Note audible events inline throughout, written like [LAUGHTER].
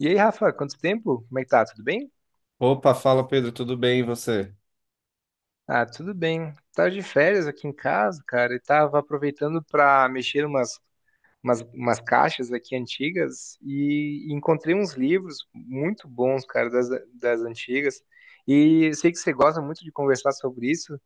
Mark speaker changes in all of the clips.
Speaker 1: E aí, Rafa, quanto tempo? Como é que tá? Tudo bem?
Speaker 2: Opa, fala Pedro, tudo bem e você?
Speaker 1: Ah, tudo bem. Tava de férias aqui em casa, cara, e tava aproveitando pra mexer umas, umas caixas aqui antigas e encontrei uns livros muito bons, cara, das, das antigas. E eu sei que você gosta muito de conversar sobre isso.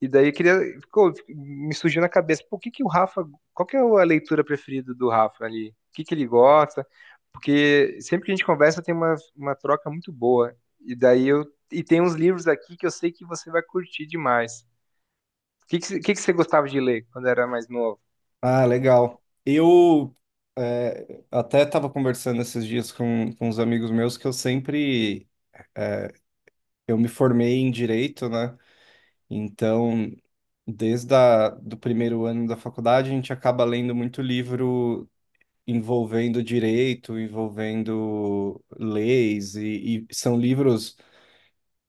Speaker 1: E daí eu queria, me surgiu na cabeça, por que que o Rafa, qual que é a leitura preferida do Rafa ali? O que que ele gosta? Porque sempre que a gente conversa tem uma troca muito boa. E daí eu, e tem uns livros aqui que eu sei que você vai curtir demais. O que que, o que que você gostava de ler quando era mais novo?
Speaker 2: Ah, legal. Até estava conversando esses dias com uns amigos meus que eu me formei em direito, né? Então, do primeiro ano da faculdade, a gente acaba lendo muito livro envolvendo direito, envolvendo leis, e são livros,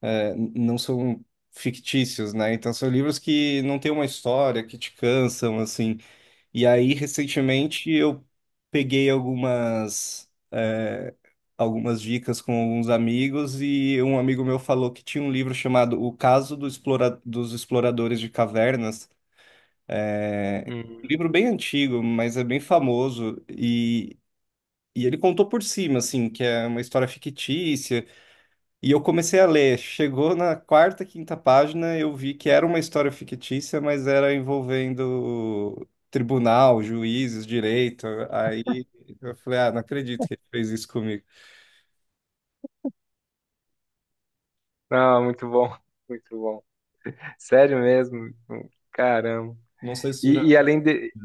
Speaker 2: não são fictícios, né? Então, são livros que não têm uma história, que te cansam, assim. E aí, recentemente, eu peguei algumas, é, algumas dicas com alguns amigos e um amigo meu falou que tinha um livro chamado O Caso dos Exploradores de Cavernas. É Um livro
Speaker 1: Hum.
Speaker 2: bem antigo, mas é bem famoso e ele contou por cima, assim, que é uma história fictícia, e eu comecei a ler. Chegou na quarta, quinta página, eu vi que era uma história fictícia, mas era envolvendo tribunal, juízes, direito. Aí eu falei, ah, não acredito que ele fez isso comigo.
Speaker 1: Ah, muito bom, [LAUGHS] muito bom. Sério mesmo? Caramba.
Speaker 2: Não sei se já.
Speaker 1: E além de,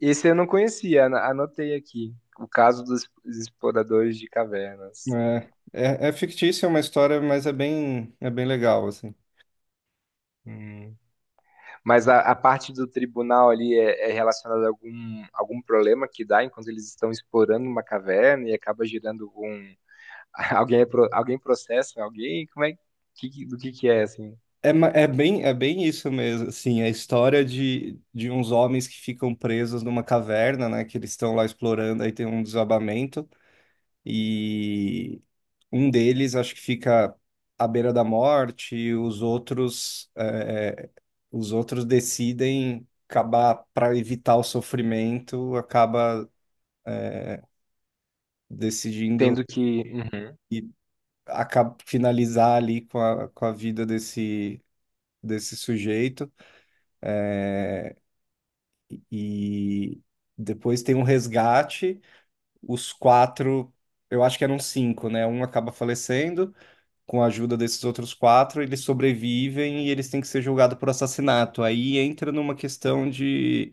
Speaker 1: esse eu não conhecia, anotei aqui. O caso dos exploradores de cavernas.
Speaker 2: É fictícia, é uma história, mas é bem legal, assim.
Speaker 1: Hum. Mas a parte do tribunal ali é, é relacionada a algum, algum problema que dá enquanto eles estão explorando uma caverna e acaba gerando um. [LAUGHS] Alguém, alguém processa alguém? Como é que, do que é, assim?
Speaker 2: É bem isso mesmo, assim, a história de uns homens que ficam presos numa caverna, né, que eles estão lá explorando, aí tem um desabamento. E um deles acho que fica à beira da morte, os outros decidem acabar para evitar o sofrimento, acaba decidindo
Speaker 1: Tendo que. Uhum,
Speaker 2: e acaba finalizar ali com a vida desse sujeito. E depois tem um resgate, os quatro, eu acho que eram cinco, né? Um acaba falecendo, com a ajuda desses outros quatro, eles sobrevivem e eles têm que ser julgados por assassinato. Aí entra numa questão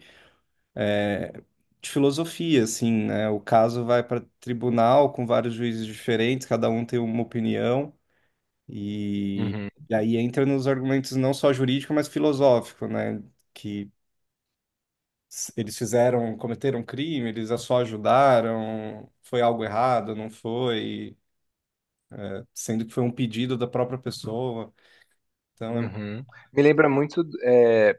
Speaker 2: é, de filosofia, assim, né? O caso vai para tribunal com vários juízes diferentes, cada um tem uma opinião, e,
Speaker 1: uhum,
Speaker 2: e aí entra nos argumentos não só jurídico, mas filosófico, né? Que Eles fizeram, cometeram crime, eles só ajudaram, foi algo errado, não foi, sendo que foi um pedido da própria pessoa. Então é.
Speaker 1: uhum. Me lembra muito. é,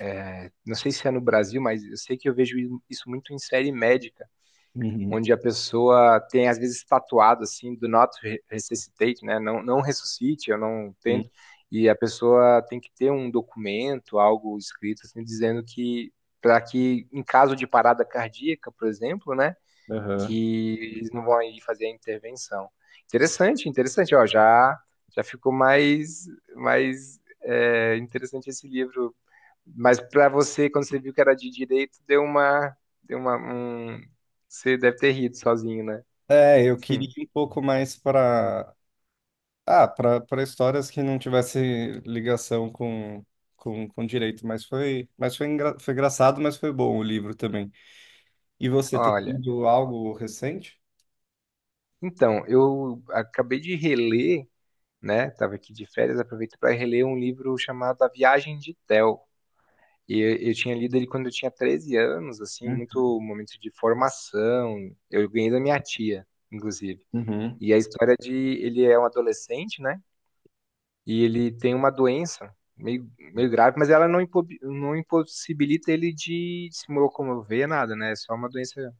Speaker 1: é, Não sei se é no Brasil, mas eu sei que eu vejo isso muito em série médica
Speaker 2: Uhum.
Speaker 1: onde a pessoa tem às vezes tatuado assim do not resuscitate, né? Não, não ressuscite, eu não tento. E a pessoa tem que ter um documento, algo escrito assim, dizendo que para que em caso de parada cardíaca, por exemplo, né,
Speaker 2: Aham.
Speaker 1: que eles não vão aí fazer a intervenção. Interessante, interessante, ó, já já ficou mais mais interessante esse livro, mas pra você, quando você viu que era de direito, deu uma, um... Você deve ter rido sozinho, né?
Speaker 2: É, eu queria
Speaker 1: [LAUGHS]
Speaker 2: ir um pouco mais para para histórias que não tivesse ligação com direito, mas foi, foi engraçado, mas foi bom o livro também. E você tem
Speaker 1: Olha,
Speaker 2: lido algo recente?
Speaker 1: então, eu acabei de reler, né? Tava aqui de férias, aproveito para reler um livro chamado A Viagem de Théo. E eu, tinha lido ele quando eu tinha 13 anos, assim,
Speaker 2: Hum.
Speaker 1: muito momento de formação. Eu ganhei da minha tia, inclusive.
Speaker 2: Uhum.
Speaker 1: E a história de ele é um adolescente, né? E ele tem uma doença meio, meio grave, mas ela não, não impossibilita ele de se locomover, nada, né? É só uma doença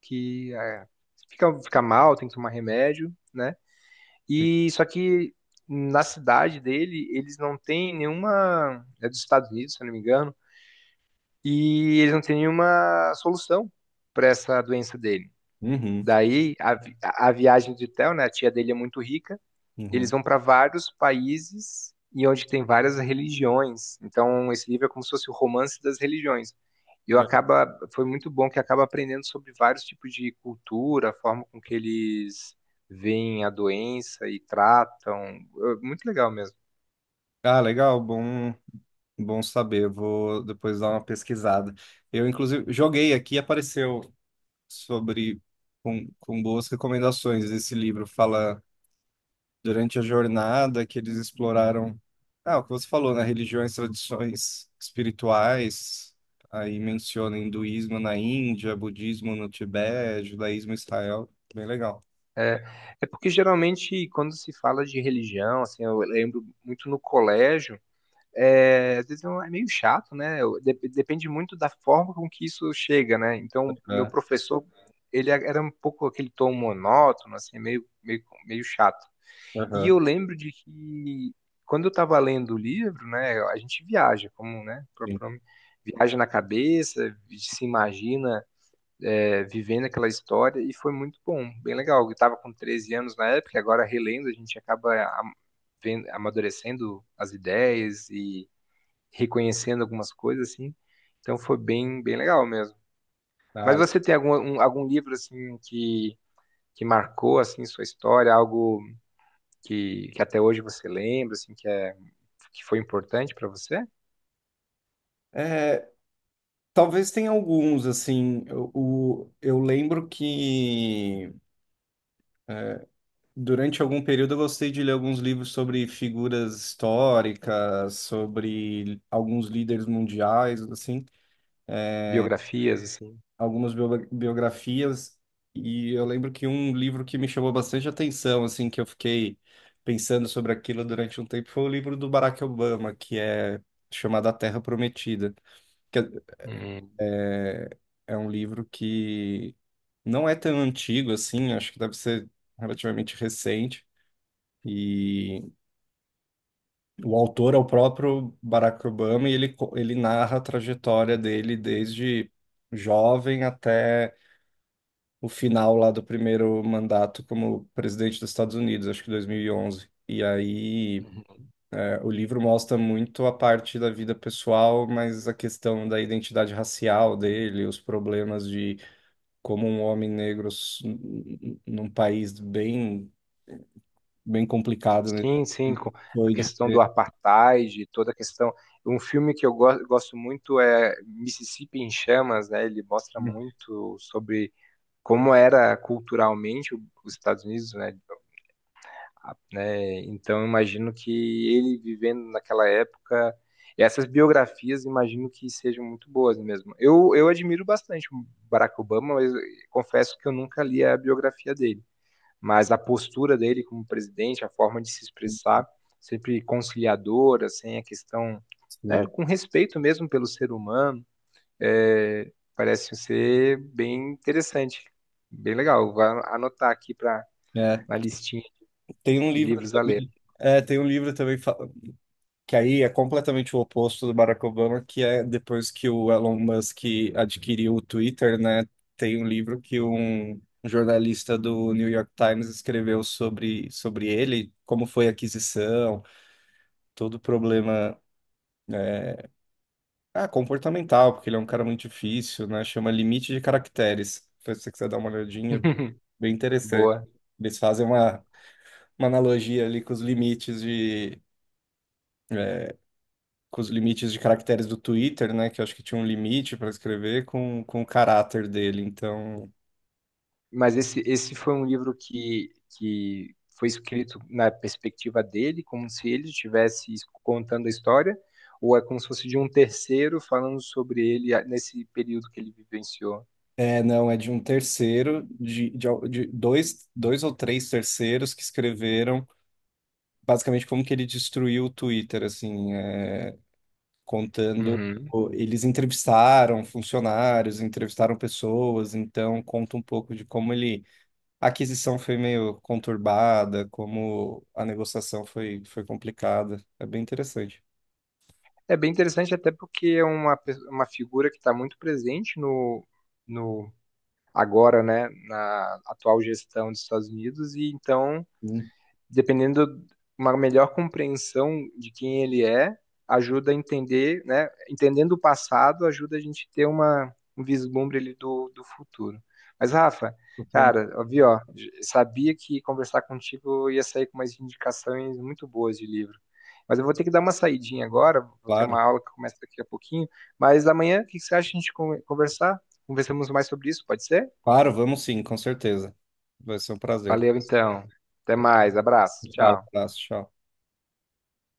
Speaker 1: que fica, fica mal, tem que tomar remédio, né? E só que na cidade dele, eles não têm nenhuma. É dos Estados Unidos, se eu não me engano, e eles não têm nenhuma solução para essa doença dele.
Speaker 2: Uhum,
Speaker 1: Daí a, a viagem de Theo, né? A tia dele é muito rica, eles
Speaker 2: uhum.
Speaker 1: vão para vários países e onde tem várias religiões. Então, esse livro é como se fosse o romance das religiões. E
Speaker 2: Que
Speaker 1: eu
Speaker 2: le-
Speaker 1: acaba, foi muito bom que acaba aprendendo sobre vários tipos de cultura, a forma com que eles veem a doença e tratam. É, muito legal mesmo.
Speaker 2: Ah, legal, bom saber. Eu vou depois dar uma pesquisada. Eu inclusive joguei aqui, apareceu sobre com boas recomendações esse livro. Fala durante a jornada que eles exploraram, ah, o que você falou, né? Religiões, tradições espirituais, aí menciona hinduísmo na Índia, budismo no Tibete, judaísmo em Israel, bem legal.
Speaker 1: É, porque geralmente quando se fala de religião, assim, eu lembro muito no colégio, às vezes é um, é meio chato, né? Depende muito da forma com que isso chega, né? Então, meu
Speaker 2: Aham,
Speaker 1: professor, ele era um pouco aquele tom monótono, assim, meio, meio chato. E
Speaker 2: aham,
Speaker 1: eu lembro de que quando eu estava lendo o livro, né, a gente viaja, como, né, o
Speaker 2: sim.
Speaker 1: próprio nome, viaja na cabeça, se imagina vivendo aquela história, e foi muito bom, bem legal. Eu estava com 13 anos na época, e agora relendo, a gente acaba am- amadurecendo as ideias e reconhecendo algumas coisas, assim. Então foi bem, bem legal mesmo. Mas
Speaker 2: Ah,
Speaker 1: você tem algum, algum livro, assim, que marcou, assim, sua história? Algo que até hoje você lembra, assim, que, que foi importante para você?
Speaker 2: é, talvez tenha alguns, assim, eu lembro que durante algum período eu gostei de ler alguns livros sobre figuras históricas, sobre alguns líderes mundiais, assim,
Speaker 1: Biografias, assim?
Speaker 2: algumas biografias, e eu lembro que um livro que me chamou bastante atenção, assim, que eu fiquei pensando sobre aquilo durante um tempo, foi o livro do Barack Obama, que é chamado A Terra Prometida, que é,
Speaker 1: Hum.
Speaker 2: é é um livro que não é tão antigo assim, acho que deve ser relativamente recente. E o autor é o próprio Barack Obama e ele narra a trajetória dele desde jovem até o final lá do primeiro mandato como presidente dos Estados Unidos, acho que 2011. E onze. E aí,
Speaker 1: Uhum.
Speaker 2: é, o livro mostra muito a parte da vida pessoal, mas a questão da identidade racial dele, os problemas de como um homem negro num país bem, bem complicado, né?
Speaker 1: Sim, sim, com a
Speaker 2: Foi de...
Speaker 1: questão do apartheid, toda a questão. Um filme que eu gosto muito é Mississippi em Chamas, né? Ele mostra muito sobre como era culturalmente os Estados Unidos, né? Né? Então, eu imagino que ele vivendo naquela época, essas biografias, imagino que sejam muito boas mesmo. Eu admiro bastante o Barack Obama, mas confesso que eu nunca li a biografia dele. Mas a postura dele como presidente, a forma de se expressar, sempre conciliadora, sem a questão, né,
Speaker 2: Sim.
Speaker 1: com respeito mesmo pelo ser humano, parece ser bem interessante, bem legal. Vou anotar aqui para
Speaker 2: É,
Speaker 1: na listinha
Speaker 2: tem um
Speaker 1: de
Speaker 2: livro
Speaker 1: livros a ler.
Speaker 2: também, tem um livro também que aí é completamente o oposto do Barack Obama, que é depois que o Elon Musk adquiriu o Twitter, né? Tem um livro que um jornalista do New York Times escreveu sobre ele, como foi a aquisição, todo o problema é, comportamental, porque ele é um cara muito difícil, né? Chama Limite de Caracteres. Se você quiser dar uma olhadinha,
Speaker 1: [LAUGHS]
Speaker 2: bem interessante.
Speaker 1: Boa.
Speaker 2: Eles fazem uma analogia ali com os é, com os limites de caracteres do Twitter, né? Que eu acho que tinha um limite para escrever com o caráter dele. Então,
Speaker 1: Mas esse foi um livro que foi escrito na perspectiva dele, como se ele estivesse contando a história, ou é como se fosse de um terceiro falando sobre ele, ah, nesse período que ele vivenciou?
Speaker 2: não, é de um terceiro, de dois, dois ou três terceiros que escreveram basicamente como que ele destruiu o Twitter, assim, é, contando.
Speaker 1: Uhum.
Speaker 2: Eles entrevistaram funcionários, entrevistaram pessoas, então conta um pouco de como ele. A aquisição foi meio conturbada, como a negociação foi complicada. É bem interessante.
Speaker 1: É bem interessante, até porque é uma, uma figura que está muito presente no, no agora, né, na atual gestão dos Estados Unidos, e então
Speaker 2: Sim,
Speaker 1: dependendo uma melhor compreensão de quem ele é, ajuda a entender, né? Entendendo o passado, ajuda a gente ter uma, um vislumbre ali do, do futuro. Mas, Rafa,
Speaker 2: totalmente.
Speaker 1: cara, ó, vi, ó, sabia que conversar contigo eu ia sair com umas indicações muito boas de livro. Mas eu vou ter que dar uma saidinha agora, vou ter
Speaker 2: Claro,
Speaker 1: uma aula que começa daqui a pouquinho. Mas amanhã, o que que você acha de a gente conversar? Conversamos mais sobre isso, pode ser?
Speaker 2: claro, vamos sim, com certeza. Vai ser um prazer.
Speaker 1: Valeu, então. Até mais, abraço,
Speaker 2: Fala,
Speaker 1: tchau.
Speaker 2: abraço, tchau.